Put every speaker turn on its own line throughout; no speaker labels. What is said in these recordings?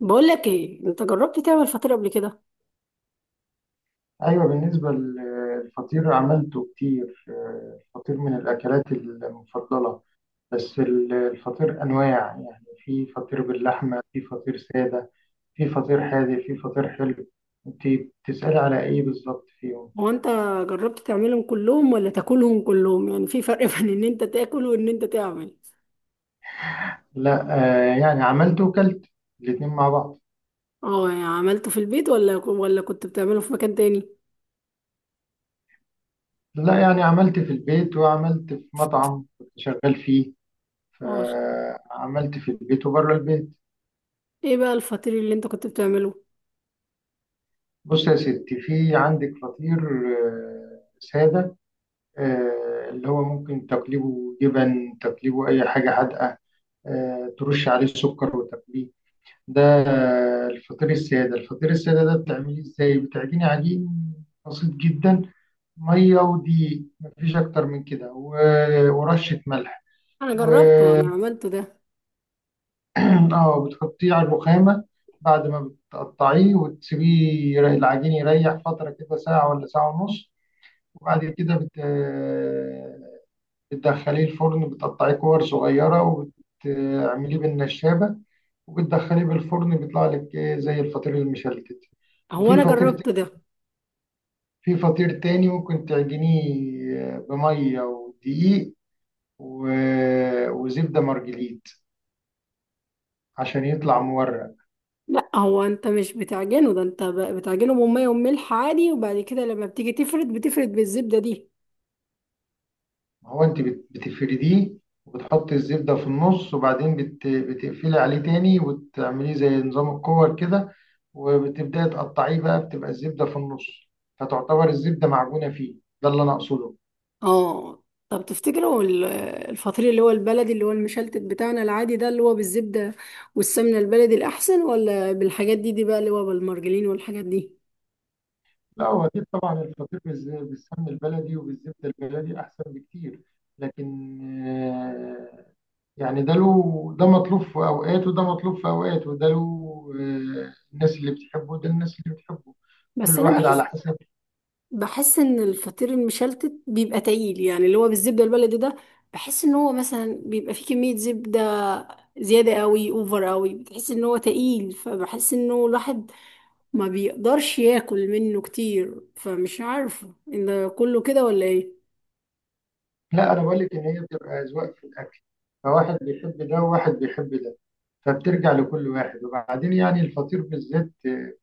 بقول لك ايه، انت جربت تعمل فطير قبل كده؟
أيوة، بالنسبة للفطير عملته كتير. الفطير من الأكلات المفضلة. بس الفطير أنواع، يعني في فطير باللحمة، في فطير سادة، في فطير حادق، في فطير حلو. أنت بتسألي على إيه بالظبط فيهم؟
هو انت جربت تعملهم كلهم ولا تاكلهم كلهم؟ يعني في فرق بين ان انت تاكل وان انت تعمل.
لا. يعني عملته وكلت الاتنين مع بعض.
اه، يعني عملته في البيت ولا كنت بتعمله في مكان تاني؟
لا، يعني عملت في البيت وعملت في مطعم كنت شغال فيه،
اه،
فعملت في البيت وبره البيت.
ايه بقى الفطير اللي انت كنت بتعمله؟
بص يا ستي، في عندك فطير سادة، اللي هو ممكن تقليبه جبن، تقليبه أي حاجة حادقة، ترش عليه السكر وتقليه. ده الفطير السادة. الفطير السادة ده بتعمليه إزاي؟ بتعجني عجين بسيط جدا: مية ودقيق، مفيش أكتر من كده ورشة ملح.
انا
و
جربته، انا عملته ده.
اه بتحطيه على الرخامة بعد ما بتقطعيه، وتسيبيه. العجين يريح فترة كده ساعة ولا ساعة ونص، وبعد كده بتدخليه الفرن، بتقطعيه كور صغيرة وبتعمليه بالنشابة، وبتدخليه بالفرن، بيطلع لك إيه زي الفطير المشلتت.
هو
وفي
انا
فطير
جربته ده.
في فطير تاني ممكن تعجنيه بمية ودقيق وزبدة مرجليت عشان يطلع مورق.
لا، هو انت مش بتعجنه ده. انت بتعجنه بميه وملح عادي، وبعد كده لما بتيجي تفرد بتفرد بالزبده دي.
ما هو انت بتفرديه وبتحطي الزبدة في النص، وبعدين بتقفلي عليه تاني وتعمليه زي نظام الكور كده، وبتبدأي تقطعيه بقى، بتبقى الزبدة في النص، فتعتبر الزبدة معجونة فيه. ده اللي أنا أقصده.
اه، طب تفتكروا الفطير اللي هو البلدي، اللي هو المشلتت بتاعنا العادي ده، اللي هو بالزبدة والسمنة البلدي الأحسن، ولا بالحاجات دي؟ دي بقى اللي هو بالمرجلين والحاجات دي.
لا، هو أكيد طبعا الفطير بالسمن البلدي وبالزبدة البلدي أحسن بكتير. لكن آه، يعني ده له، ده مطلوب في أوقات وده مطلوب في أوقات، وده له الناس اللي بتحبه وده الناس اللي بتحبه.
بس
كل
أنا
واحد على
بحس،
حسب.
بحس إن الفطير المشلتت بيبقى تقيل، يعني اللي هو بالزبدة البلدي ده. بحس إن هو مثلا بيبقى فيه كمية زبدة زيادة قوي، أوفر قوي. بتحس إن هو تقيل، فبحس إنه الواحد ما بيقدرش ياكل منه كتير. فمش عارفة إن ده كله كده ولا إيه؟
لا، انا بقول لك ان هي بتبقى اذواق في الاكل، فواحد بيحب ده وواحد بيحب ده، فبترجع لكل واحد. وبعدين يعني الفطير بالذات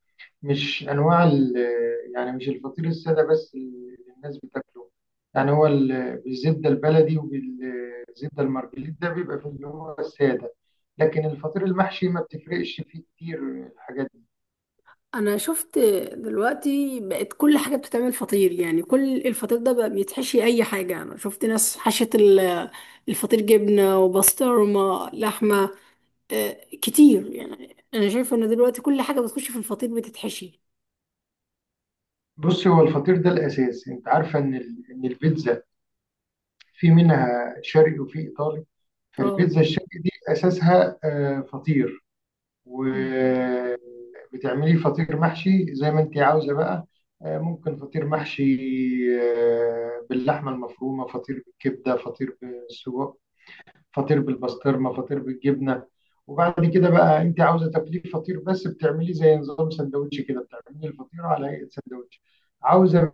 مش انواع يعني مش الفطير الساده بس اللي الناس بتاكله، يعني هو بالزبده البلدي وبالزبده المرجليت ده بيبقى في اللي هو الساده، لكن الفطير المحشي ما بتفرقش فيه كتير الحاجات دي.
انا شفت دلوقتي بقت كل حاجه بتتعمل فطير، يعني كل الفطير ده بقى بيتحشي اي حاجه. انا شفت ناس حشت الفطير جبنه وبسطرمه لحمه. كتير، يعني انا شايفه ان دلوقتي كل حاجه بتخش في الفطير بتتحشي.
بصي، هو الفطير ده الاساس، انت عارفه ان ان البيتزا في منها شرقي وفي ايطالي،
اه،
فالبيتزا الشرقي دي اساسها فطير،
مم.
وبتعملي فطير محشي زي ما انت عاوزه بقى. ممكن فطير محشي باللحمه المفرومه، فطير بالكبده، فطير بالسجق، فطير بالبسطرمه، فطير بالجبنه. وبعد كده بقى، انت عاوزه تاكليه فطير بس، بتعمليه زي نظام سندوتش كده، بتعملي الفطيره على هيئه سندوتش. عاوزه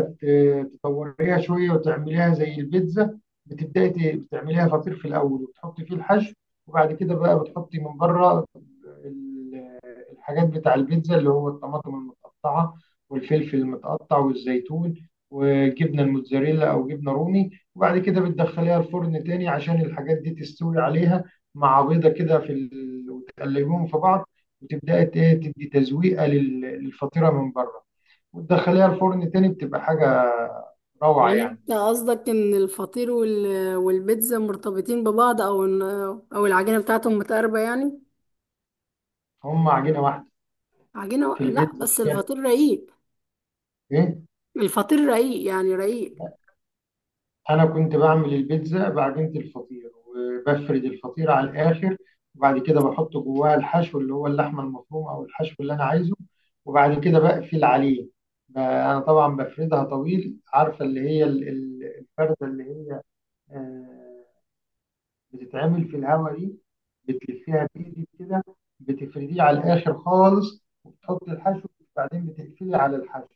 تطوريها شويه وتعمليها زي البيتزا، بتبداي بتعمليها فطير في الاول وتحطي فيه الحشو، وبعد كده بقى بتحطي من بره ال- الحاجات بتاع البيتزا اللي هو الطماطم المتقطعه والفلفل المتقطع والزيتون، وجبنه الموتزاريلا او جبنه رومي، وبعد كده بتدخليها الفرن تاني عشان الحاجات دي تستوي عليها مع بيضه كده وتقلبيهم في بعض، وتبداي تدي تزويقه للفطيره من بره، وتدخليها الفرن تاني، بتبقى حاجه روعة
يعني
يعني.
انت قصدك ان الفطير والبيتزا مرتبطين ببعض، او ان او العجينه بتاعتهم متقاربه يعني؟
هم عجينة واحدة.
عجينه،
في
لا
البيتزا مش
بس
فاهم
الفطير رقيق.
ايه.
الفطير رقيق، يعني رقيق.
انا كنت بعمل البيتزا بعجينة الفطير، وبفرد الفطير على الاخر، وبعد كده بحط جواها الحشو اللي هو اللحمة المفرومة او الحشو اللي انا عايزه، وبعد كده بقفل عليه. انا طبعا بفردها طويل، عارفة اللي هي الفردة اللي هي آه، بتتعمل في الهواء دي، بتلفيها بايدك كده، بتفرديه على الاخر خالص وبتحط الحشو، وبعدين بتقفلي على الحشو،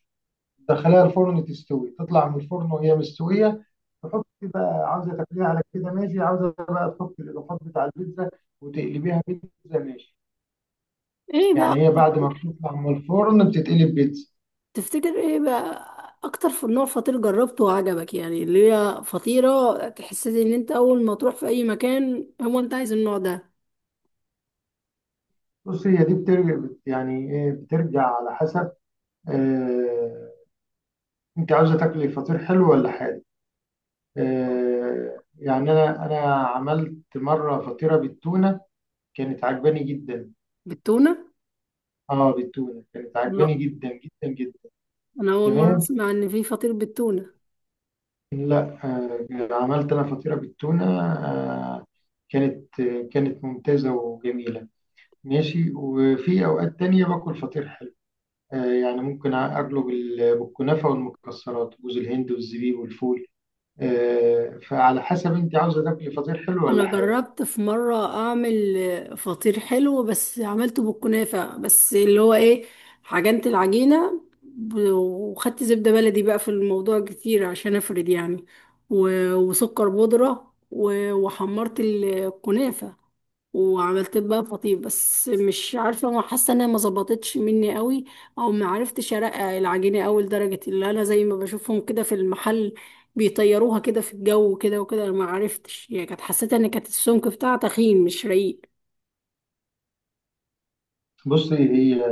تدخليها الفرن تستوي، تطلع من الفرن وهي مستويه. تحطي بقى، عاوزه تاكليها على كده ماشي، عاوزه بقى تحطي الاضافات بتاع البيتزا وتقلبيها بيتزا، ماشي.
ايه بقى؟
يعني هي بعد ما بتطلع من الفرن بتتقلب بيتزا.
تفتكر ايه بقى اكتر نوع فطير جربته وعجبك؟ يعني اللي هي فطيرة تحسسي ان انت اول ما تروح في اي مكان هو انت عايز النوع ده.
بص، هي دي بترجع يعني ايه، بترجع على حسب آه انت عاوزه تاكلي فطير حلو ولا حادق. يعني انا عملت مره فطيره بالتونه، كانت عجباني جدا.
بالتونة؟
اه بالتونه، كانت
لا،
عجباني جدا جدا جدا.
انا اول مرة
تمام.
اسمع ان في فطير بالتونة.
لا، عملت انا فطيره بالتونه، آه، كانت ممتازه وجميله، ماشي. وفي اوقات تانية باكل فطير حلو، يعني ممكن اقلب بالكنافه والمكسرات، جوز الهند والزبيب والفول. فعلى حسب انت عاوزه تاكلي فطير حلو ولا
انا
حادق.
جربت في مره اعمل فطير حلو، بس عملته بالكنافه بس اللي هو ايه. عجنت العجينه وخدت زبده بلدي بقى في الموضوع كتير عشان افرد يعني، وسكر بودره، وحمرت الكنافه وعملت بقى فطير. بس مش عارفه، ما حاسه انها ما ظبطتش مني قوي، او ما عرفتش ارقق العجينه قوي لدرجه اللي انا زي ما بشوفهم كده في المحل. بيطيروها كده في الجو وكده وكده. انا ما عرفتش يعني، كانت حسيت ان كانت السمك بتاعها تخين مش رقيق.
بصي، هي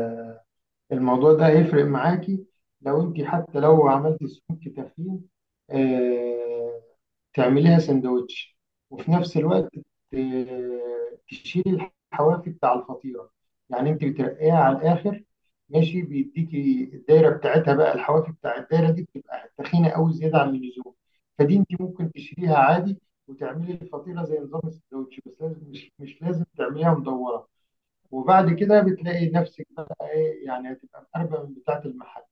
الموضوع ده هيفرق معاكي، لو انت حتى لو عملتي سموك تخين، آه، تعمليها سندوتش، وفي نفس الوقت تشيلي الحواف بتاع الفطيرة. يعني انت بترقيها على الاخر ماشي، بيديكي الدايرة بتاعتها، بقى الحواف بتاع الدايرة دي بتبقى تخينة قوي زيادة عن اللزوم، فدي انت ممكن تشيليها عادي وتعملي الفطيرة زي نظام السندوتش، بس لازم، مش لازم تعمليها مدورة. وبعد كده بتلاقي نفسك بقى ايه، يعني هتبقى مقربة من بتاعة المحل.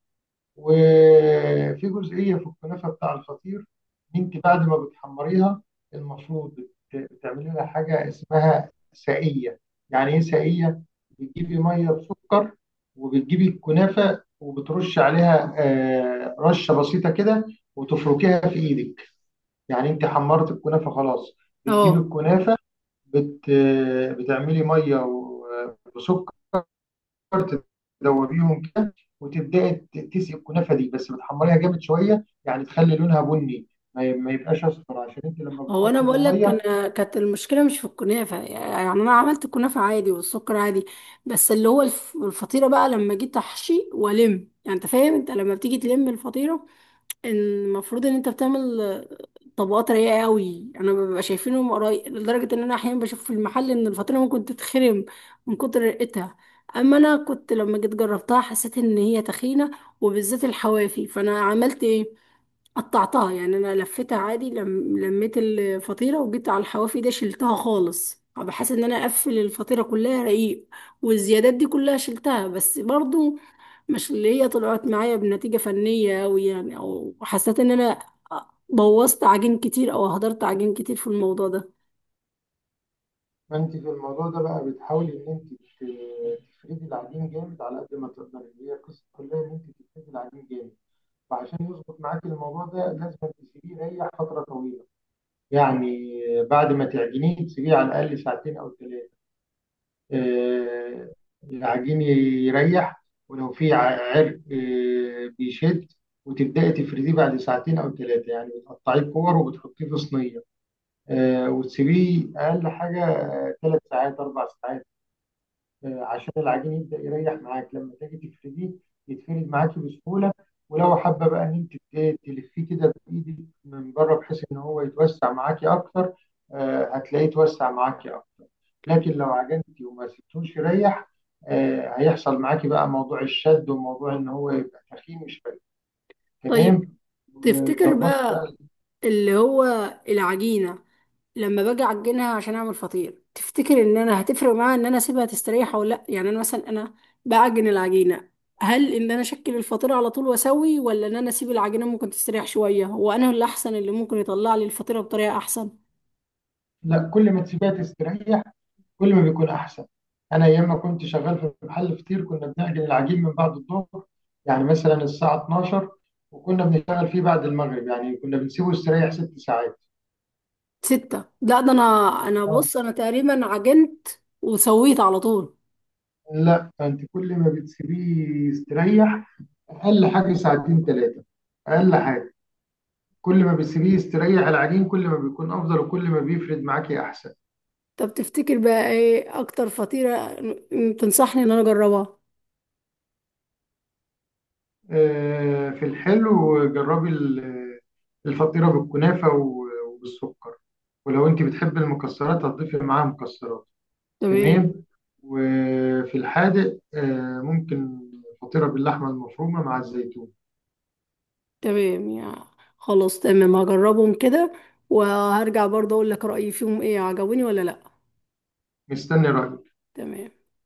وفي جزئية في الكنافة بتاع الفطير، انت بعد ما بتحمريها المفروض بتعملي لها حاجة اسمها سائية. يعني ايه سائية؟ بتجيبي مية بسكر، وبتجيبي الكنافة وبترش عليها رشة بسيطة كده وتفركيها في ايدك. يعني انت حمرت الكنافة خلاص، بتجيبي
اه،
الكنافة بت... بتعملي ميه وسكر، تدوبيهم كده، وتبداي تسقي الكنافه دي. بس بتحمريها جامد شويه يعني، تخلي لونها بني، ما يبقاش اصفر، عشان انت لما
هو انا
بتحطي له
بقول لك،
ميه.
انا كانت المشكله مش في الكنافه، يعني انا عملت الكنافه عادي والسكر عادي. بس اللي هو الفطيره بقى لما جيت احشي والم. يعني انت فاهم، انت لما بتيجي تلم الفطيره، المفروض ان انت بتعمل طبقات رايقه قوي. انا ببقى شايفينهم قريب لدرجه ان انا احيانا بشوف في المحل ان الفطيره ممكن تتخرم من كتر رقتها. اما انا كنت لما جيت جربتها حسيت ان هي تخينه، وبالذات الحوافي. فانا عملت ايه؟ قطعتها، يعني انا لفيتها عادي، لم... لميت الفطيره وجيت على الحوافي ده شلتها خالص، بحيث ان انا اقفل الفطيره كلها رقيق. والزيادات دي كلها شلتها، بس برضو مش اللي هي طلعت معايا بنتيجة فنية أوي. يعني أو حسيت إن أنا بوظت عجين كتير، أو هدرت عجين كتير في الموضوع ده.
فانت في الموضوع ده بقى بتحاولي ان انت تفردي العجين جامد على قد ما تقدري، هي القصه كلها ان انت تفردي العجين جامد. وعشان يظبط معاك الموضوع ده لازم تسيبيه يريح فتره طويله، يعني بعد ما تعجنيه تسيبيه على الاقل ساعتين او ثلاثه. آه، العجين يريح، ولو في عرق بيشد. وتبدأي تفرديه بعد ساعتين أو ثلاثة، يعني بتقطعيه كور وبتحطيه في صينية، وتسيبيه أقل حاجة 3 ساعات 4 ساعات، عشان العجين يبدأ يريح معاك لما تيجي تفرديه، يتفرد معاكي بسهولة. ولو حابة بقى إن أنت تلفيه كده بإيدك من بره بحيث إن هو يتوسع معاكي أكتر، هتلاقيه يتوسع معاكي أكتر. لكن لو عجنتي وما سبتوش يريح، هيحصل معاكي بقى موضوع الشد وموضوع ان هو يبقى تخين شويه.
طيب،
تمام،
تفتكر
وتظبط
بقى
بقى.
اللي هو العجينة لما باجي أعجنها عشان أعمل فطير، تفتكر إن أنا هتفرق معاها إن أنا أسيبها تستريح أو لأ؟ يعني أنا مثلا، أنا بعجن العجينة. هل إن أنا أشكل الفطير على طول وأسوي، ولا إن أنا أسيب العجينة ممكن تستريح شوية وأنا اللي أحسن، اللي ممكن يطلع لي الفطيرة بطريقة أحسن؟
لا، كل ما تسيبيها تستريح كل ما بيكون احسن. انا ايام ما كنت شغال في محل فطير، كنا بنعجن العجين من بعد الظهر، يعني مثلا الساعه 12، وكنا بنشتغل فيه بعد المغرب، يعني كنا بنسيبه يستريح 6 ساعات.
ستة، لا ده انا
اه.
بص، انا تقريبا عجنت وسويت على طول.
لا، انت كل ما بتسيبيه يستريح، اقل حاجه ساعتين ثلاثه، اقل حاجه. كل ما بتسيبيه يستريح العجين كل ما بيكون افضل وكل ما بيفرد معاكي احسن.
طب تفتكر بقى ايه اكتر فطيرة تنصحني ان انا اجربها؟
في الحلو، جربي الفطيره بالكنافه وبالسكر، ولو انت بتحبي المكسرات هتضيفي معاها مكسرات.
تمام.
تمام. وفي الحادق ممكن فطيره باللحمه المفرومه مع الزيتون.
تمام يا، خلاص تمام. هجربهم كده وهرجع برضه اقول لك رأيي فيهم، ايه عجبوني ولا لا؟
مستني رايك.
تمام.